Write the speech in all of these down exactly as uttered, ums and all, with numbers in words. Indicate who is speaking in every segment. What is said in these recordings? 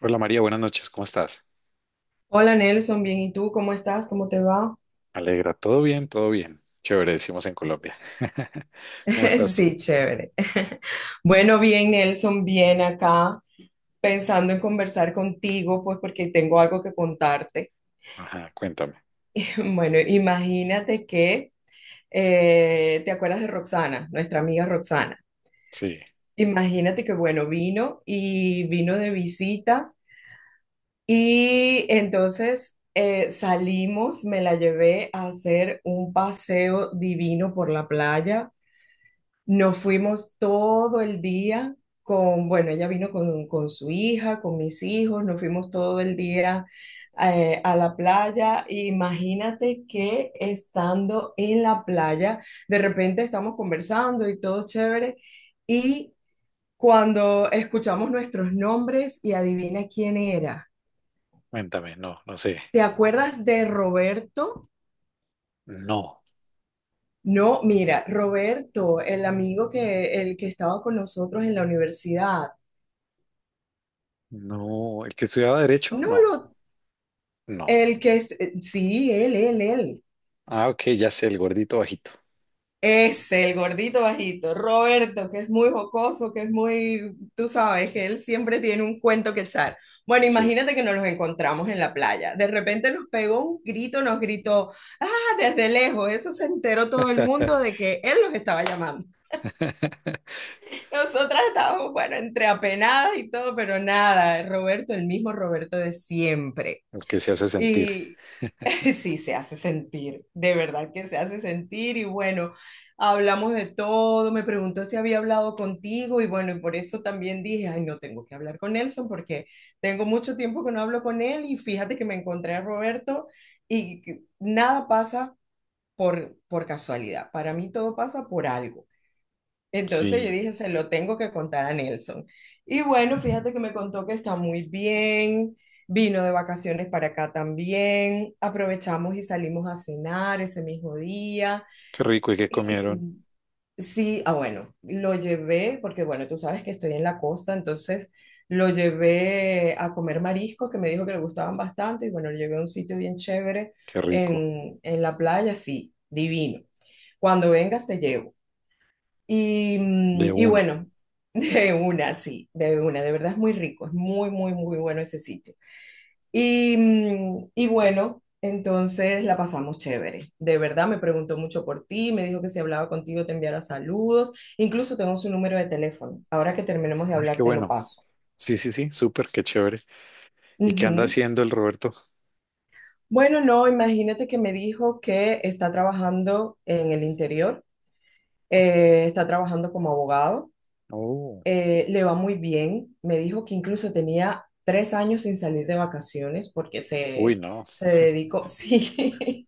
Speaker 1: Hola María, buenas noches, ¿cómo estás?
Speaker 2: Hola Nelson, bien, ¿y tú cómo estás? ¿Cómo te va?
Speaker 1: Me alegra, todo bien, todo bien. Chévere, decimos en Colombia. ¿Cómo estás tú?
Speaker 2: Sí, chévere. Bueno, bien Nelson, bien acá, pensando en conversar contigo, pues porque tengo algo que contarte.
Speaker 1: Ajá, cuéntame.
Speaker 2: Bueno, imagínate que, eh, ¿te acuerdas de Roxana, nuestra amiga Roxana?
Speaker 1: Sí,
Speaker 2: Imagínate que, bueno, vino y vino de visita y entonces eh, salimos, me la llevé a hacer un paseo divino por la playa. Nos fuimos todo el día con, bueno, ella vino con, con su hija, con mis hijos, nos fuimos todo el día eh, a la playa. Imagínate que estando en la playa, de repente estamos conversando y todo chévere, y cuando escuchamos nuestros nombres y adivina quién era.
Speaker 1: cuéntame, no, no sé.
Speaker 2: ¿Te acuerdas de Roberto?
Speaker 1: No,
Speaker 2: No, mira, Roberto, el amigo que, el que estaba con nosotros en la universidad.
Speaker 1: no, el que estudiaba derecho,
Speaker 2: No
Speaker 1: no,
Speaker 2: lo
Speaker 1: no.
Speaker 2: El que es, eh, sí, él, él, él.
Speaker 1: Ah, ok, ya sé, el gordito bajito.
Speaker 2: Es el gordito bajito, Roberto, que es muy jocoso, que es muy, tú sabes, que él siempre tiene un cuento que echar. Bueno,
Speaker 1: Sí.
Speaker 2: imagínate que nos los encontramos en la playa. De repente nos pegó un grito, nos gritó, ah, desde lejos. Eso se enteró todo el mundo de que él nos estaba llamando. Nosotras estábamos, bueno, entre apenadas y todo, pero nada, Roberto, el mismo Roberto de siempre.
Speaker 1: El que se hace sentir.
Speaker 2: y Sí, se hace sentir, de verdad que se hace sentir y bueno, hablamos de todo, me preguntó si había hablado contigo y bueno, y por eso también dije, ay, no tengo que hablar con Nelson porque tengo mucho tiempo que no hablo con él y fíjate que me encontré a Roberto y que nada pasa por, por casualidad, para mí todo pasa por algo. Entonces yo
Speaker 1: Sí,
Speaker 2: dije, se lo tengo que contar a Nelson. Y bueno, fíjate que me contó que está muy bien, vino de vacaciones para acá también, aprovechamos y salimos a cenar ese mismo día.
Speaker 1: qué rico, ¿y qué comieron?
Speaker 2: Sí, ah bueno, lo llevé, porque bueno, tú sabes que estoy en la costa, entonces lo llevé a comer mariscos que me dijo que le gustaban bastante y bueno, lo llevé a un sitio bien chévere
Speaker 1: Qué rico.
Speaker 2: en, en la playa, sí, divino. Cuando vengas te llevo. Y,
Speaker 1: De
Speaker 2: mm, y
Speaker 1: una.
Speaker 2: bueno, de una, sí, de una, de verdad es muy rico, es muy, muy, muy bueno ese sitio. Y, mm, y bueno, entonces la pasamos chévere. De verdad me preguntó mucho por ti, me dijo que si hablaba contigo te enviara saludos, incluso tengo su número de teléfono. Ahora que terminemos de
Speaker 1: Ah,
Speaker 2: hablar
Speaker 1: qué
Speaker 2: te lo
Speaker 1: bueno.
Speaker 2: paso.
Speaker 1: Sí, sí, sí, súper, qué chévere. ¿Y qué anda
Speaker 2: Ujú.
Speaker 1: haciendo el Roberto?
Speaker 2: Bueno, no, imagínate que me dijo que está trabajando en el interior, eh, está trabajando como abogado
Speaker 1: Oh,
Speaker 2: eh, le va muy bien. Me dijo que incluso tenía tres años sin salir de vacaciones porque
Speaker 1: uy,
Speaker 2: se,
Speaker 1: no.
Speaker 2: se dedicó, sí,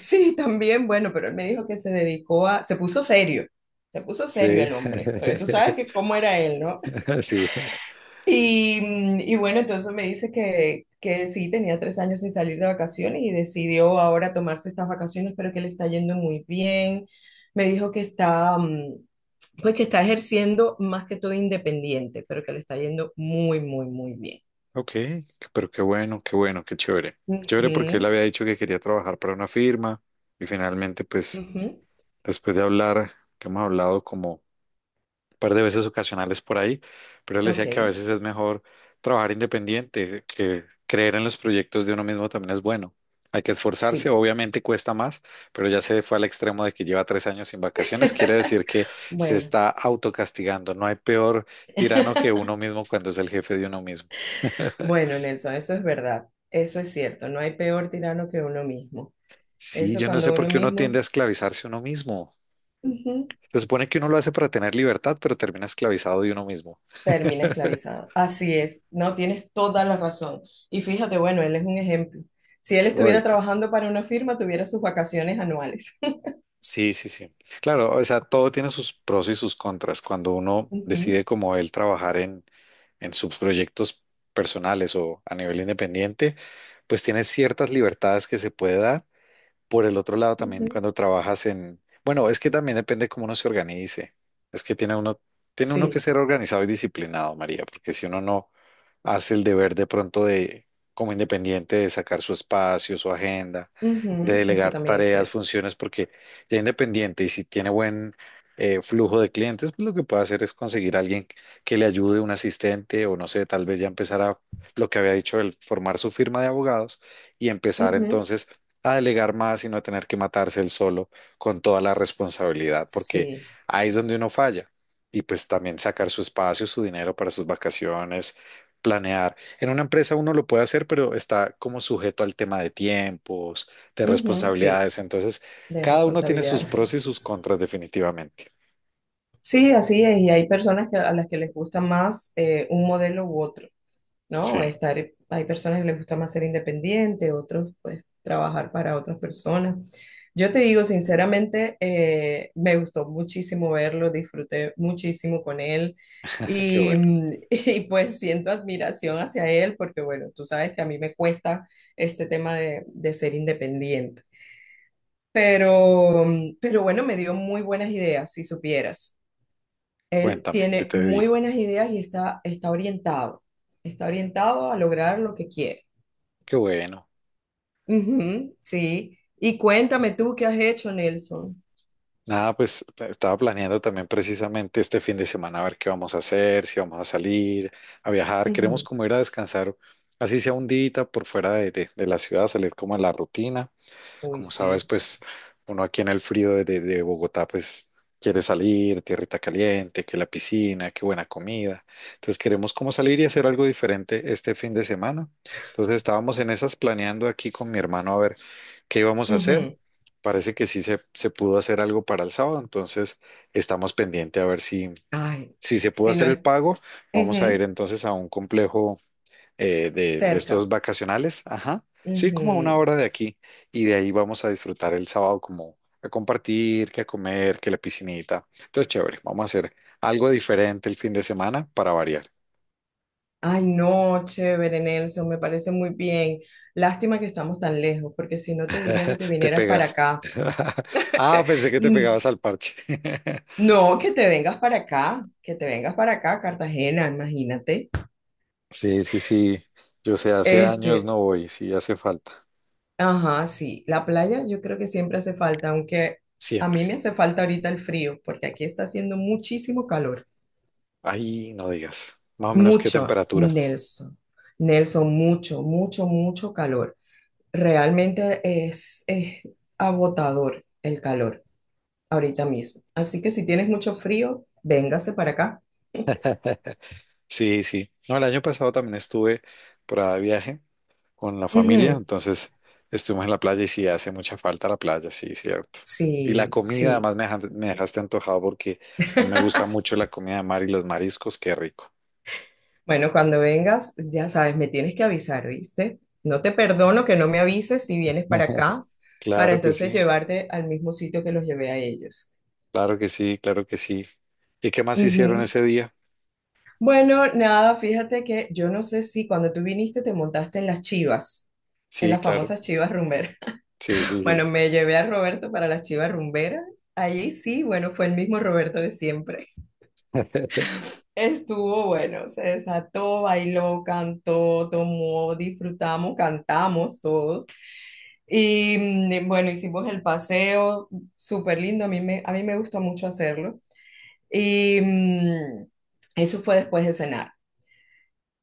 Speaker 2: sí, también, bueno, pero él me dijo que se dedicó a, se puso serio, se puso serio
Speaker 1: Sí,
Speaker 2: el hombre, pero tú sabes que cómo era él, ¿no?
Speaker 1: sí.
Speaker 2: Y, mm, y bueno, entonces me dice que, que sí, tenía tres años sin salir de vacaciones y decidió ahora tomarse estas vacaciones, pero que le está yendo muy bien. Me dijo que está... mm, pues que está ejerciendo más que todo independiente, pero que le está yendo muy, muy, muy bien.
Speaker 1: Ok, pero qué bueno, qué bueno, qué chévere. Qué chévere, porque él
Speaker 2: Ujú,
Speaker 1: había dicho que quería trabajar para una firma y, finalmente, pues,
Speaker 2: ujú.
Speaker 1: después de hablar, que hemos hablado como par de veces ocasionales por ahí, pero él decía
Speaker 2: Ok,
Speaker 1: que a veces es mejor trabajar independiente, que creer en los proyectos de uno mismo también es bueno. Hay que esforzarse,
Speaker 2: sí.
Speaker 1: obviamente cuesta más, pero ya se fue al extremo de que lleva tres años sin vacaciones, quiere decir que se
Speaker 2: Bueno,
Speaker 1: está autocastigando. No hay peor tirano que uno mismo cuando es el jefe de uno mismo.
Speaker 2: bueno, Nelson, eso es verdad. Eso es cierto. No hay peor tirano que uno mismo.
Speaker 1: Sí,
Speaker 2: Eso
Speaker 1: yo no sé
Speaker 2: cuando
Speaker 1: por
Speaker 2: uno
Speaker 1: qué uno tiende
Speaker 2: mismo
Speaker 1: a esclavizarse uno mismo.
Speaker 2: ujú,
Speaker 1: Se supone que uno lo hace para tener libertad, pero termina esclavizado de uno mismo.
Speaker 2: termina esclavizado. Así es. No, tienes toda la razón. Y fíjate, bueno, él es un ejemplo. Si él estuviera
Speaker 1: Uy,
Speaker 2: trabajando para una firma, tuviera sus vacaciones anuales.
Speaker 1: sí, sí, sí. Claro, o sea, todo tiene sus pros y sus contras. Cuando uno
Speaker 2: Ujú,
Speaker 1: decide como él trabajar en, en sus proyectos personales o a nivel independiente, pues tiene ciertas libertades que se puede dar. Por el otro lado, también
Speaker 2: ujú.
Speaker 1: cuando trabajas en, bueno, es que también depende cómo uno se organice. Es que tiene uno, tiene uno que
Speaker 2: Sí.
Speaker 1: ser organizado y disciplinado, María, porque si uno no hace el deber de pronto de, como independiente, de sacar su espacio, su agenda, de
Speaker 2: Ujú, eso
Speaker 1: delegar
Speaker 2: también es
Speaker 1: tareas,
Speaker 2: cierto.
Speaker 1: funciones, porque ya independiente y si tiene buen eh, flujo de clientes, pues lo que puede hacer es conseguir a alguien que le ayude, un asistente, o no sé, tal vez ya empezar a lo que había dicho, el formar su firma de abogados y empezar
Speaker 2: Ujú,
Speaker 1: entonces a delegar más y no tener que matarse él solo con toda la responsabilidad, porque
Speaker 2: Sí,
Speaker 1: ahí es donde uno falla. Y pues también sacar su espacio, su dinero para sus vacaciones, planear. En una empresa uno lo puede hacer, pero está como sujeto al tema de tiempos, de
Speaker 2: ujú, sí,
Speaker 1: responsabilidades. Entonces,
Speaker 2: de
Speaker 1: cada uno tiene
Speaker 2: responsabilidad,
Speaker 1: sus
Speaker 2: sí.
Speaker 1: pros y sus contras, definitivamente.
Speaker 2: Sí, así es, y hay personas que, a las que les gusta más eh, un modelo u otro. ¿No?
Speaker 1: Sí,
Speaker 2: Estar, hay personas que les gusta más ser independiente, otros pues trabajar para otras personas. Yo te digo sinceramente, eh, me gustó muchísimo verlo, disfruté muchísimo con él
Speaker 1: qué
Speaker 2: y,
Speaker 1: bueno.
Speaker 2: mm, y, pues siento admiración hacia él porque bueno, tú sabes que a mí me cuesta este tema de, de ser independiente. Pero, mm, pero bueno, me dio muy buenas ideas, si supieras. Él
Speaker 1: Cuéntame, ¿qué
Speaker 2: tiene
Speaker 1: te
Speaker 2: muy
Speaker 1: digo?
Speaker 2: buenas ideas y está, está orientado. Está orientado a lograr lo que quiere.
Speaker 1: Qué bueno.
Speaker 2: Ujú, sí. Y cuéntame tú qué has hecho, Nelson.
Speaker 1: Nada, pues t- estaba planeando también precisamente este fin de semana a ver qué vamos a hacer, si vamos a salir, a viajar. Queremos
Speaker 2: Ujú.
Speaker 1: como ir a descansar, así sea un día por fuera de, de- de la ciudad, salir como a la rutina.
Speaker 2: Uy,
Speaker 1: Como sabes,
Speaker 2: sí.
Speaker 1: pues uno aquí en el frío de, de- de Bogotá, pues quiere salir, tierrita caliente, que la piscina, que buena comida. Entonces queremos como salir y hacer algo diferente este fin de semana. Entonces estábamos en esas, planeando aquí con mi hermano a ver qué íbamos a hacer.
Speaker 2: Ujú.
Speaker 1: Parece que sí se, se pudo hacer algo para el sábado, entonces estamos pendiente a ver si,
Speaker 2: Ay,
Speaker 1: si se pudo
Speaker 2: si no
Speaker 1: hacer el
Speaker 2: es
Speaker 1: pago. Vamos a ir
Speaker 2: ujú,
Speaker 1: entonces a un complejo eh, de, de estos
Speaker 2: cerca.
Speaker 1: vacacionales, ajá, sí, como a una
Speaker 2: Ujú.
Speaker 1: hora de aquí, y de ahí vamos a disfrutar el sábado como a compartir, que a comer, que la piscinita. Entonces, chévere, vamos a hacer algo diferente el fin de semana para variar.
Speaker 2: Ay, no, chévere, Nelson, me parece muy bien. Lástima que estamos tan lejos, porque si no te diría que te
Speaker 1: Te
Speaker 2: vinieras para
Speaker 1: pegas.
Speaker 2: acá.
Speaker 1: Ah, pensé que te
Speaker 2: Mm,
Speaker 1: pegabas al parche.
Speaker 2: No, que te vengas para acá, que te vengas para acá, Cartagena, imagínate.
Speaker 1: Sí, sí, sí, yo sé, hace años
Speaker 2: Este,
Speaker 1: no voy, sí hace falta,
Speaker 2: ajá, sí, la playa yo creo que siempre hace falta, aunque a
Speaker 1: siempre.
Speaker 2: mí me hace falta ahorita el frío, porque aquí está haciendo muchísimo calor.
Speaker 1: Ahí no digas, más o menos qué
Speaker 2: Mucho,
Speaker 1: temperatura.
Speaker 2: Nelson. Nelson, mucho, mucho, mucho calor. Realmente es, es agotador el calor ahorita mismo. Así que si tienes mucho frío, véngase para acá.
Speaker 1: Sí, sí. No, el año pasado también estuve por ahí de viaje con la familia,
Speaker 2: Ujú,
Speaker 1: entonces estuvimos en la playa y sí hace mucha falta la playa, sí, cierto. Y la
Speaker 2: sí,
Speaker 1: comida,
Speaker 2: sí.
Speaker 1: además me dejaste, me dejaste antojado, porque a mí me gusta mucho la comida de mar y los mariscos, qué rico.
Speaker 2: Bueno, cuando vengas, ya sabes, me tienes que avisar, ¿viste? No te perdono que no me avises si vienes para acá, para
Speaker 1: Claro que
Speaker 2: entonces
Speaker 1: sí,
Speaker 2: llevarte al mismo sitio que los llevé a ellos.
Speaker 1: claro que sí, claro que sí. ¿Y qué más hicieron
Speaker 2: Ujú.
Speaker 1: ese día?
Speaker 2: Bueno, nada, fíjate que yo no sé si cuando tú viniste te montaste en las chivas, en
Speaker 1: Sí,
Speaker 2: las
Speaker 1: claro,
Speaker 2: famosas chivas rumberas.
Speaker 1: sí, sí, sí,
Speaker 2: Bueno, me llevé a Roberto para las chivas rumberas. Allí sí, bueno, fue el mismo Roberto de siempre. Estuvo bueno, se desató, bailó, cantó, tomó, disfrutamos, cantamos todos. Y mm, eh, bueno, hicimos el paseo, súper lindo, a mí me, a mí me gustó mucho hacerlo. Y mm, eso fue después de cenar.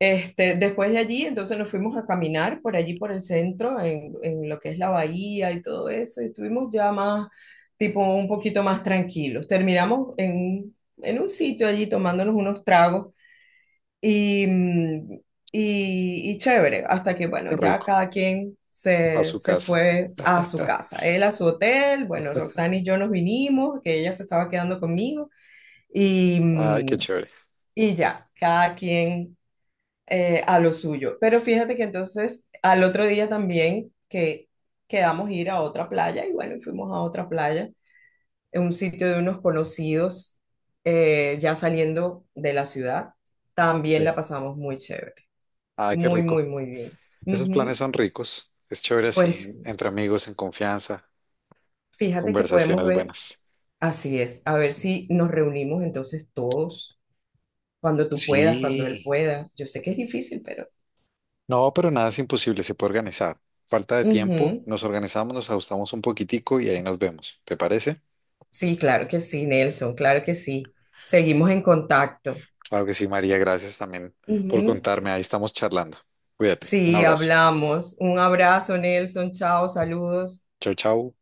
Speaker 2: Este, después de allí, entonces nos fuimos a caminar por allí, por el centro, en, en lo que es la bahía y todo eso, y estuvimos ya más, tipo, un poquito más tranquilos. Terminamos en, un- en un sitio allí tomándonos unos tragos y, mm, y, y chévere, hasta que, bueno,
Speaker 1: qué
Speaker 2: ya
Speaker 1: rico,
Speaker 2: cada quien
Speaker 1: para
Speaker 2: se,
Speaker 1: su
Speaker 2: se
Speaker 1: casa.
Speaker 2: fue a su casa, él a su hotel, bueno, Roxana y yo nos vinimos, que ella se estaba quedando conmigo, y,
Speaker 1: Ay, qué
Speaker 2: mm,
Speaker 1: chévere,
Speaker 2: y ya, cada quien eh, a lo suyo. Pero fíjate que entonces al otro día también que quedamos ir a otra playa, y bueno, fuimos a otra playa, en un sitio de unos conocidos, eh, ya saliendo de la ciudad,
Speaker 1: sí,
Speaker 2: también la pasamos muy chévere.
Speaker 1: ay, qué
Speaker 2: Muy, muy,
Speaker 1: rico.
Speaker 2: muy bien.
Speaker 1: Esos planes
Speaker 2: Ujú.
Speaker 1: son ricos, es chévere así,
Speaker 2: Pues
Speaker 1: entre amigos, en confianza.
Speaker 2: fíjate que podemos
Speaker 1: Conversaciones
Speaker 2: ver,
Speaker 1: buenas.
Speaker 2: así es, a ver si nos reunimos entonces todos, cuando tú puedas, cuando él
Speaker 1: Sí.
Speaker 2: pueda. Yo sé que es difícil, pero...
Speaker 1: No, pero nada es imposible, se puede organizar. Falta de tiempo,
Speaker 2: Ujú.
Speaker 1: nos organizamos, nos ajustamos un poquitico y ahí nos vemos. ¿Te parece?
Speaker 2: Sí, claro que sí, Nelson, claro que sí. Seguimos en contacto.
Speaker 1: Claro que sí, María, gracias también
Speaker 2: Ujú.
Speaker 1: por contarme. Ahí estamos charlando. Cuídate. Un
Speaker 2: Sí,
Speaker 1: abrazo.
Speaker 2: hablamos. Un abrazo, Nelson. Chao, saludos.
Speaker 1: Chau, chau.